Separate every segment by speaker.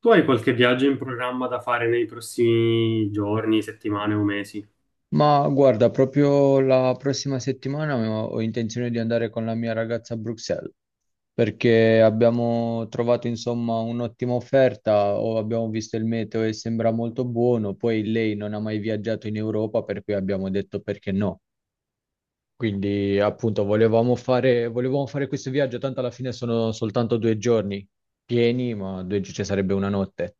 Speaker 1: Tu hai qualche viaggio in programma da fare nei prossimi giorni, settimane o mesi?
Speaker 2: Ma guarda, proprio la prossima settimana ho intenzione di andare con la mia ragazza a Bruxelles perché abbiamo trovato insomma un'ottima offerta, o abbiamo visto il meteo e sembra molto buono, poi lei non ha mai viaggiato in Europa, per cui abbiamo detto perché no. Quindi appunto volevamo fare questo viaggio, tanto alla fine sono soltanto due giorni pieni, ma due, ci sarebbe una notte.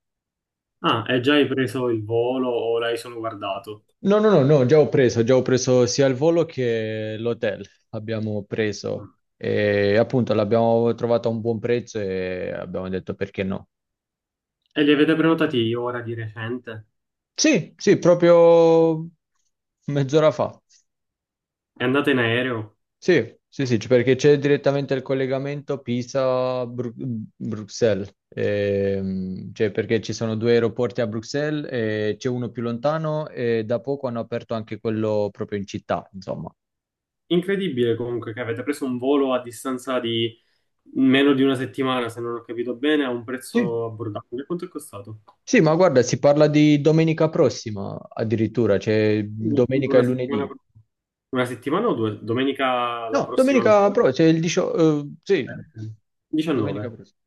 Speaker 1: Ah, e già hai preso il volo o l'hai solo guardato?
Speaker 2: No, no, no, no, già ho preso sia il volo che l'hotel, abbiamo preso
Speaker 1: Mm.
Speaker 2: e appunto l'abbiamo trovato a un buon prezzo e abbiamo detto perché no.
Speaker 1: E li avete prenotati ora di recente?
Speaker 2: Sì, sì, proprio mezz'ora fa.
Speaker 1: E andate in aereo?
Speaker 2: Sì, sì, sì, perché c'è direttamente il collegamento Pisa-Bruxelles, cioè perché ci sono due aeroporti a Bruxelles, e c'è uno più lontano e da poco hanno aperto anche quello proprio in città, insomma.
Speaker 1: Incredibile comunque che avete preso un volo a distanza di meno di una settimana, se non ho capito bene, a un
Speaker 2: Sì.
Speaker 1: prezzo abbordabile. Quanto è costato?
Speaker 2: Sì, ma guarda, si parla di domenica prossima addirittura, cioè domenica e
Speaker 1: Una settimana,
Speaker 2: lunedì.
Speaker 1: una settimana o due? Domenica la
Speaker 2: No,
Speaker 1: prossima
Speaker 2: domenica
Speaker 1: ancora?
Speaker 2: prossima, cioè il 18, sì,
Speaker 1: Eh, 19.
Speaker 2: domenica prossima.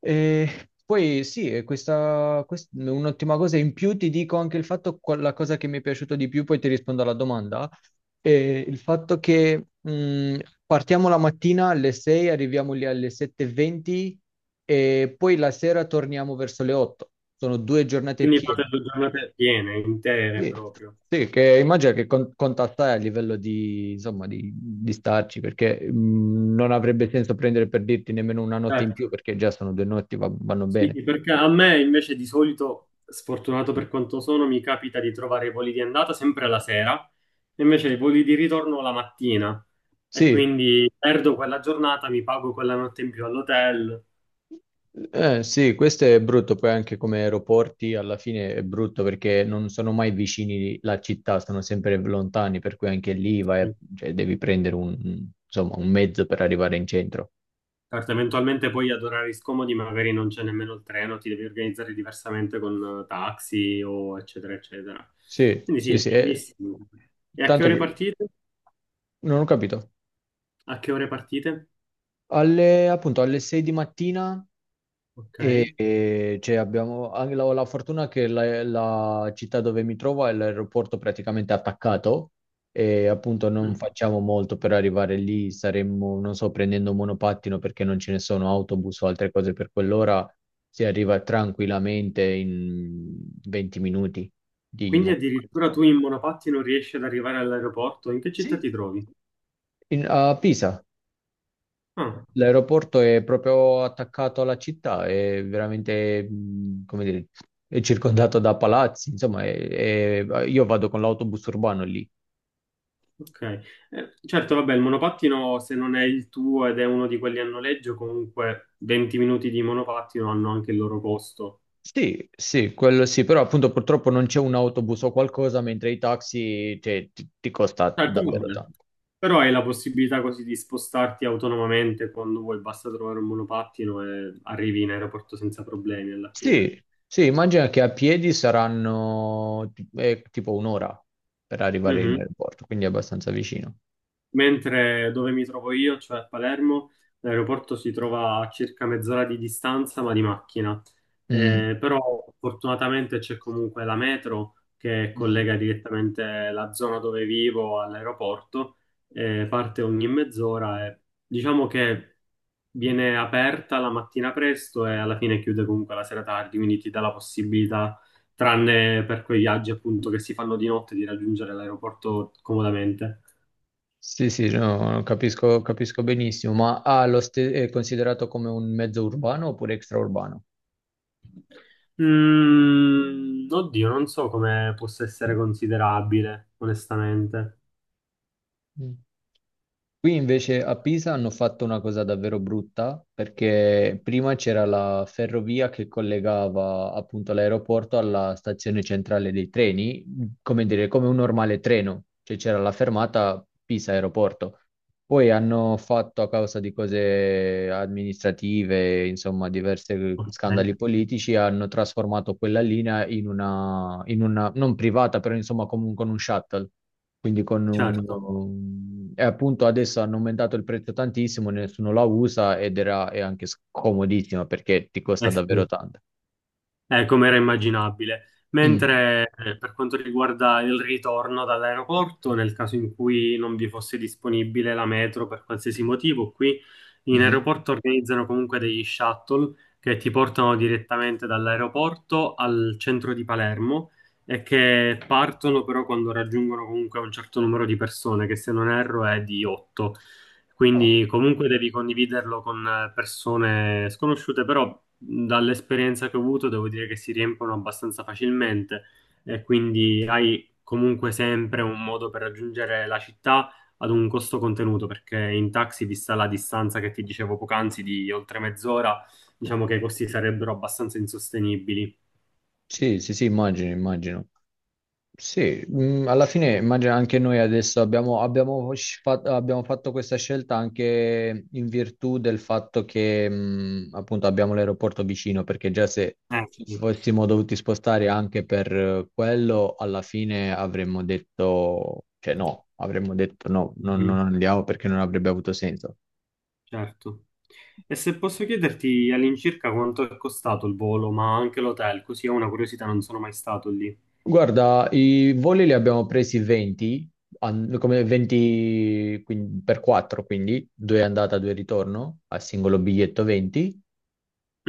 Speaker 2: E poi sì, e un'ottima cosa in più ti dico anche il fatto, la cosa che mi è piaciuto di più, poi ti rispondo alla domanda, è il fatto che partiamo la mattina alle 6, arriviamo lì alle 7:20 e venti e poi la sera torniamo verso le 8. Sono due giornate
Speaker 1: Quindi
Speaker 2: piene.
Speaker 1: fate due giornate piene, intere
Speaker 2: Sì,
Speaker 1: proprio.
Speaker 2: sì, che immagino che contattare a livello di, insomma, di starci, perché non avrebbe senso prendere per dirti nemmeno una notte in
Speaker 1: Certo.
Speaker 2: più, perché già sono due notti, vanno
Speaker 1: Sì,
Speaker 2: bene.
Speaker 1: sì, perché a me invece di solito, sfortunato per quanto sono, mi capita di trovare i voli di andata sempre la sera, e invece i voli di ritorno la mattina. E
Speaker 2: Sì,
Speaker 1: quindi perdo quella giornata, mi pago quella notte in più all'hotel.
Speaker 2: sì, questo è brutto, poi anche come aeroporti alla fine è brutto perché non sono mai vicini la città, sono sempre lontani, per cui anche lì vai,
Speaker 1: Sì.
Speaker 2: cioè, devi prendere un, insomma, un mezzo per arrivare in centro.
Speaker 1: Certo, eventualmente poi ad orari scomodi magari non c'è nemmeno il treno, ti devi organizzare diversamente con taxi o eccetera, eccetera.
Speaker 2: Sì,
Speaker 1: Quindi
Speaker 2: sì,
Speaker 1: sì,
Speaker 2: sì,
Speaker 1: bellissimo. E a che
Speaker 2: tanto
Speaker 1: ore
Speaker 2: che
Speaker 1: partite?
Speaker 2: non ho capito.
Speaker 1: A che ore partite?
Speaker 2: Alle, appunto, alle 6 di mattina.
Speaker 1: Ok.
Speaker 2: Cioè, abbiamo anche la fortuna che la città dove mi trovo è l'aeroporto praticamente attaccato e appunto non facciamo molto per arrivare lì, saremmo, non so, prendendo un monopattino perché non ce ne sono autobus o altre cose per quell'ora, si arriva tranquillamente in 20 minuti di
Speaker 1: Quindi
Speaker 2: mo-
Speaker 1: addirittura tu in monopatti non riesci ad arrivare all'aeroporto? In che città
Speaker 2: Sì,
Speaker 1: ti trovi?
Speaker 2: a Pisa.
Speaker 1: Ah,
Speaker 2: L'aeroporto è proprio attaccato alla città, è veramente, come dire, è circondato da palazzi, insomma, io vado con l'autobus urbano lì.
Speaker 1: ok. Certo, vabbè, il monopattino se non è il tuo ed è uno di quelli a noleggio, comunque 20 minuti di monopattino hanno anche il loro costo.
Speaker 2: Sì, sì, quello sì, però appunto purtroppo non c'è un autobus o qualcosa, mentre i taxi, cioè, ti costa
Speaker 1: Certo,
Speaker 2: davvero
Speaker 1: vabbè.
Speaker 2: tanto.
Speaker 1: Però hai la possibilità così di spostarti autonomamente quando vuoi, basta trovare un monopattino e arrivi in aeroporto senza problemi alla fine.
Speaker 2: Sì, sì, immagina che a piedi saranno tipo un'ora per arrivare in
Speaker 1: Mhm.
Speaker 2: aeroporto, quindi è abbastanza vicino.
Speaker 1: Mentre dove mi trovo io, cioè a Palermo, l'aeroporto si trova a circa mezz'ora di distanza, ma di macchina. Però fortunatamente c'è comunque la metro che
Speaker 2: Mm.
Speaker 1: collega direttamente la zona dove vivo all'aeroporto, parte ogni mezz'ora e diciamo che viene aperta la mattina presto e alla fine chiude comunque la sera tardi, quindi ti dà la possibilità, tranne per quei viaggi appunto che si fanno di notte, di raggiungere l'aeroporto comodamente.
Speaker 2: Sì, sì, no, capisco, capisco benissimo, ma è considerato come un mezzo urbano oppure extraurbano?
Speaker 1: Mm, oddio, non so come possa essere considerabile, onestamente.
Speaker 2: Qui invece a Pisa hanno fatto una cosa davvero brutta perché prima c'era la ferrovia che collegava appunto l'aeroporto alla stazione centrale dei treni, come dire, come un normale treno, cioè c'era la fermata Pisa aeroporto. Poi hanno fatto a causa di cose amministrative, insomma, diversi
Speaker 1: Ok,
Speaker 2: scandali politici, hanno trasformato quella linea in una non privata, però insomma comunque con un shuttle. Quindi con
Speaker 1: certo.
Speaker 2: un... E appunto adesso hanno aumentato il prezzo tantissimo, nessuno la usa ed era, è anche scomodissima perché ti costa
Speaker 1: Eh
Speaker 2: davvero
Speaker 1: sì.
Speaker 2: tanto.
Speaker 1: Come era immaginabile.
Speaker 2: Mm.
Speaker 1: Mentre per quanto riguarda il ritorno dall'aeroporto, nel caso in cui non vi fosse disponibile la metro per qualsiasi motivo, qui in
Speaker 2: Mhm.
Speaker 1: aeroporto organizzano comunque degli shuttle che ti portano direttamente dall'aeroporto al centro di Palermo e che partono però quando raggiungono comunque un certo numero di persone, che se non erro è di 8.
Speaker 2: Oh,
Speaker 1: Quindi comunque devi condividerlo con persone sconosciute, però dall'esperienza che ho avuto devo dire che si riempiono abbastanza facilmente e quindi hai comunque sempre un modo per raggiungere la città ad un costo contenuto, perché in taxi, vista la distanza che ti dicevo poc'anzi di oltre mezz'ora, diciamo che i costi sarebbero abbastanza insostenibili.
Speaker 2: sì, sì, sì, immagino, immagino. Sì, alla fine immagino anche noi adesso abbiamo fatto questa scelta anche in virtù del fatto che appunto abbiamo l'aeroporto vicino, perché già se ci
Speaker 1: Sì.
Speaker 2: fossimo dovuti spostare anche per quello, alla fine avremmo detto, cioè no, avremmo detto no,
Speaker 1: Mhm.
Speaker 2: non andiamo perché non avrebbe avuto senso.
Speaker 1: Certo. E se posso chiederti all'incirca quanto è costato il volo, ma anche l'hotel, così è una curiosità, non sono mai stato lì.
Speaker 2: Guarda, i voli li abbiamo presi 20, an- come 20 per 4, quindi due andata, due ritorno, a singolo biglietto 20,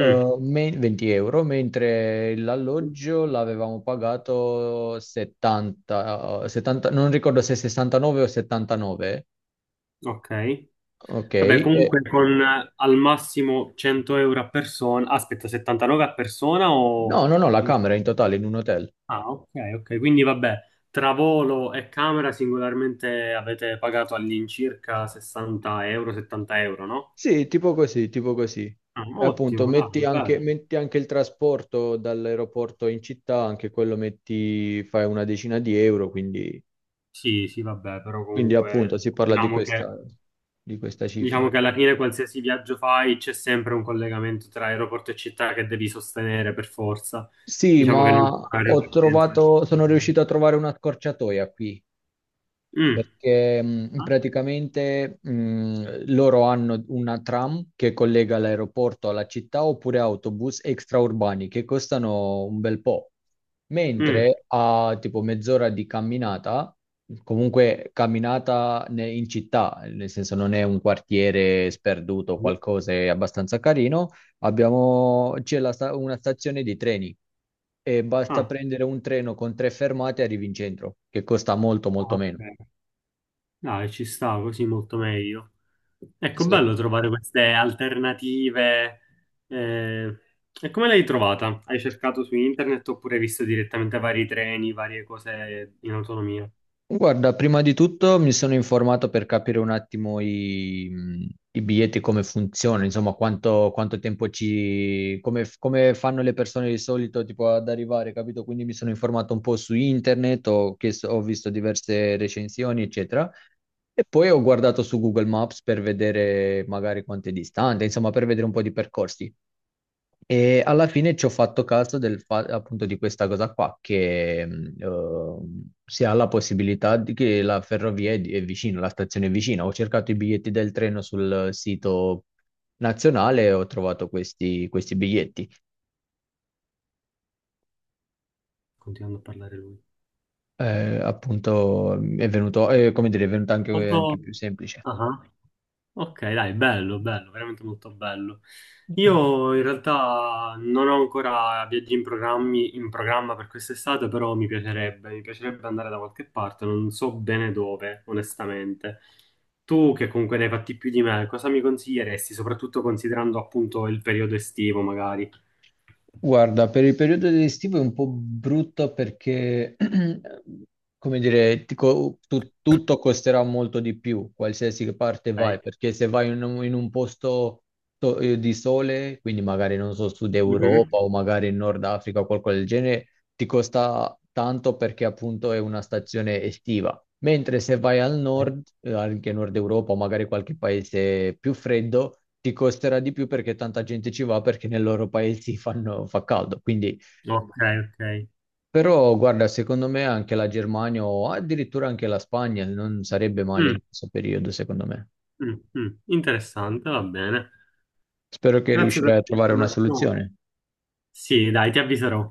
Speaker 1: Mm.
Speaker 2: me- 20 euro, mentre l'alloggio l'avevamo pagato 70, 70, non ricordo se 69 o 79,
Speaker 1: Ok.
Speaker 2: ok?
Speaker 1: Vabbè, comunque con al massimo 100 euro a persona, aspetta, 79 a persona o...
Speaker 2: No, no, no, la
Speaker 1: in-
Speaker 2: camera in totale in un hotel.
Speaker 1: Ah, ok, ok, quindi vabbè, tra volo e camera singolarmente avete pagato all'incirca 60 euro, 70 euro, no?
Speaker 2: Sì, tipo così, tipo così.
Speaker 1: Ah,
Speaker 2: E appunto,
Speaker 1: ottimo, dai, bello.
Speaker 2: metti anche il trasporto dall'aeroporto in città, anche quello metti, fai una decina di euro, quindi,
Speaker 1: Sì, sì, vabbè, però
Speaker 2: quindi appunto
Speaker 1: comunque
Speaker 2: si parla
Speaker 1: diciamo che
Speaker 2: di questa cifra.
Speaker 1: diciamo che alla fine qualsiasi viaggio fai c'è sempre un collegamento tra aeroporto e città che devi sostenere per forza.
Speaker 2: Sì,
Speaker 1: Diciamo che
Speaker 2: ma
Speaker 1: non ci sono
Speaker 2: ho
Speaker 1: aeroporti dentro le
Speaker 2: trovato, sono
Speaker 1: città.
Speaker 2: riuscito a trovare una scorciatoia qui.
Speaker 1: Mm,
Speaker 2: Perché praticamente loro hanno una tram che collega l'aeroporto alla città oppure autobus extraurbani che costano un bel po',
Speaker 1: mm.
Speaker 2: mentre a tipo mezz'ora di camminata, in città, nel senso non è un quartiere sperduto o qualcosa, è abbastanza carino, c'è una stazione di treni e basta
Speaker 1: Ah,
Speaker 2: prendere un treno con tre fermate e arrivi in centro, che costa molto
Speaker 1: ah,
Speaker 2: molto meno.
Speaker 1: ok. Dai, ci sta così molto meglio. Ecco,
Speaker 2: Sì.
Speaker 1: bello trovare queste alternative. Eh. E come l'hai trovata? Hai cercato su internet oppure hai visto direttamente vari treni, varie cose in autonomia?
Speaker 2: Guarda, prima di tutto mi sono informato per capire un attimo i biglietti come funzionano, insomma, quanto tempo ci, come, come fanno le persone di solito tipo ad arrivare, capito? Quindi mi sono informato un po' su internet, ho visto diverse recensioni, eccetera. E poi ho guardato su Google Maps per vedere magari quanto è distante, insomma, per vedere un po' di percorsi. E alla fine ci ho fatto caso appunto di questa cosa qua, che si ha la possibilità di che la ferrovia è, è vicina, la stazione è vicina. Ho cercato i biglietti del treno sul sito nazionale e ho trovato questi biglietti.
Speaker 1: Continuando a parlare lui.
Speaker 2: Appunto è venuto, come dire, è venuto anche
Speaker 1: Molto...
Speaker 2: più semplice.
Speaker 1: Ah. Ok, dai, bello, bello, veramente molto bello. Io in realtà non ho ancora viaggi in programmi, in programma per quest'estate, però mi piacerebbe andare da qualche parte, non so bene dove, onestamente. Tu, che comunque ne hai fatti più di me, cosa mi consiglieresti, soprattutto considerando appunto il periodo estivo, magari?
Speaker 2: Guarda, per il periodo estivo è un po' brutto perché, come dire, tutto costerà molto di più, qualsiasi parte vai,
Speaker 1: Ok.
Speaker 2: perché se vai in un posto di sole, quindi magari non so, Sud Europa
Speaker 1: Mhm.
Speaker 2: o magari in Nord Africa o qualcosa del genere, ti costa tanto perché appunto è una stazione estiva. Mentre se vai al nord, anche nord Europa o magari qualche paese più freddo, ti costerà di più perché tanta gente ci va perché nei loro paesi fa caldo. Quindi,
Speaker 1: Ok, ok.
Speaker 2: però, guarda, secondo me anche la Germania o addirittura anche la Spagna non sarebbe male
Speaker 1: Mm,
Speaker 2: in questo periodo, secondo me.
Speaker 1: mm, mm. Interessante, va bene.
Speaker 2: Spero che
Speaker 1: Grazie per
Speaker 2: riuscirai a trovare una
Speaker 1: l'informazione.
Speaker 2: soluzione.
Speaker 1: Sì, dai, ti avviserò.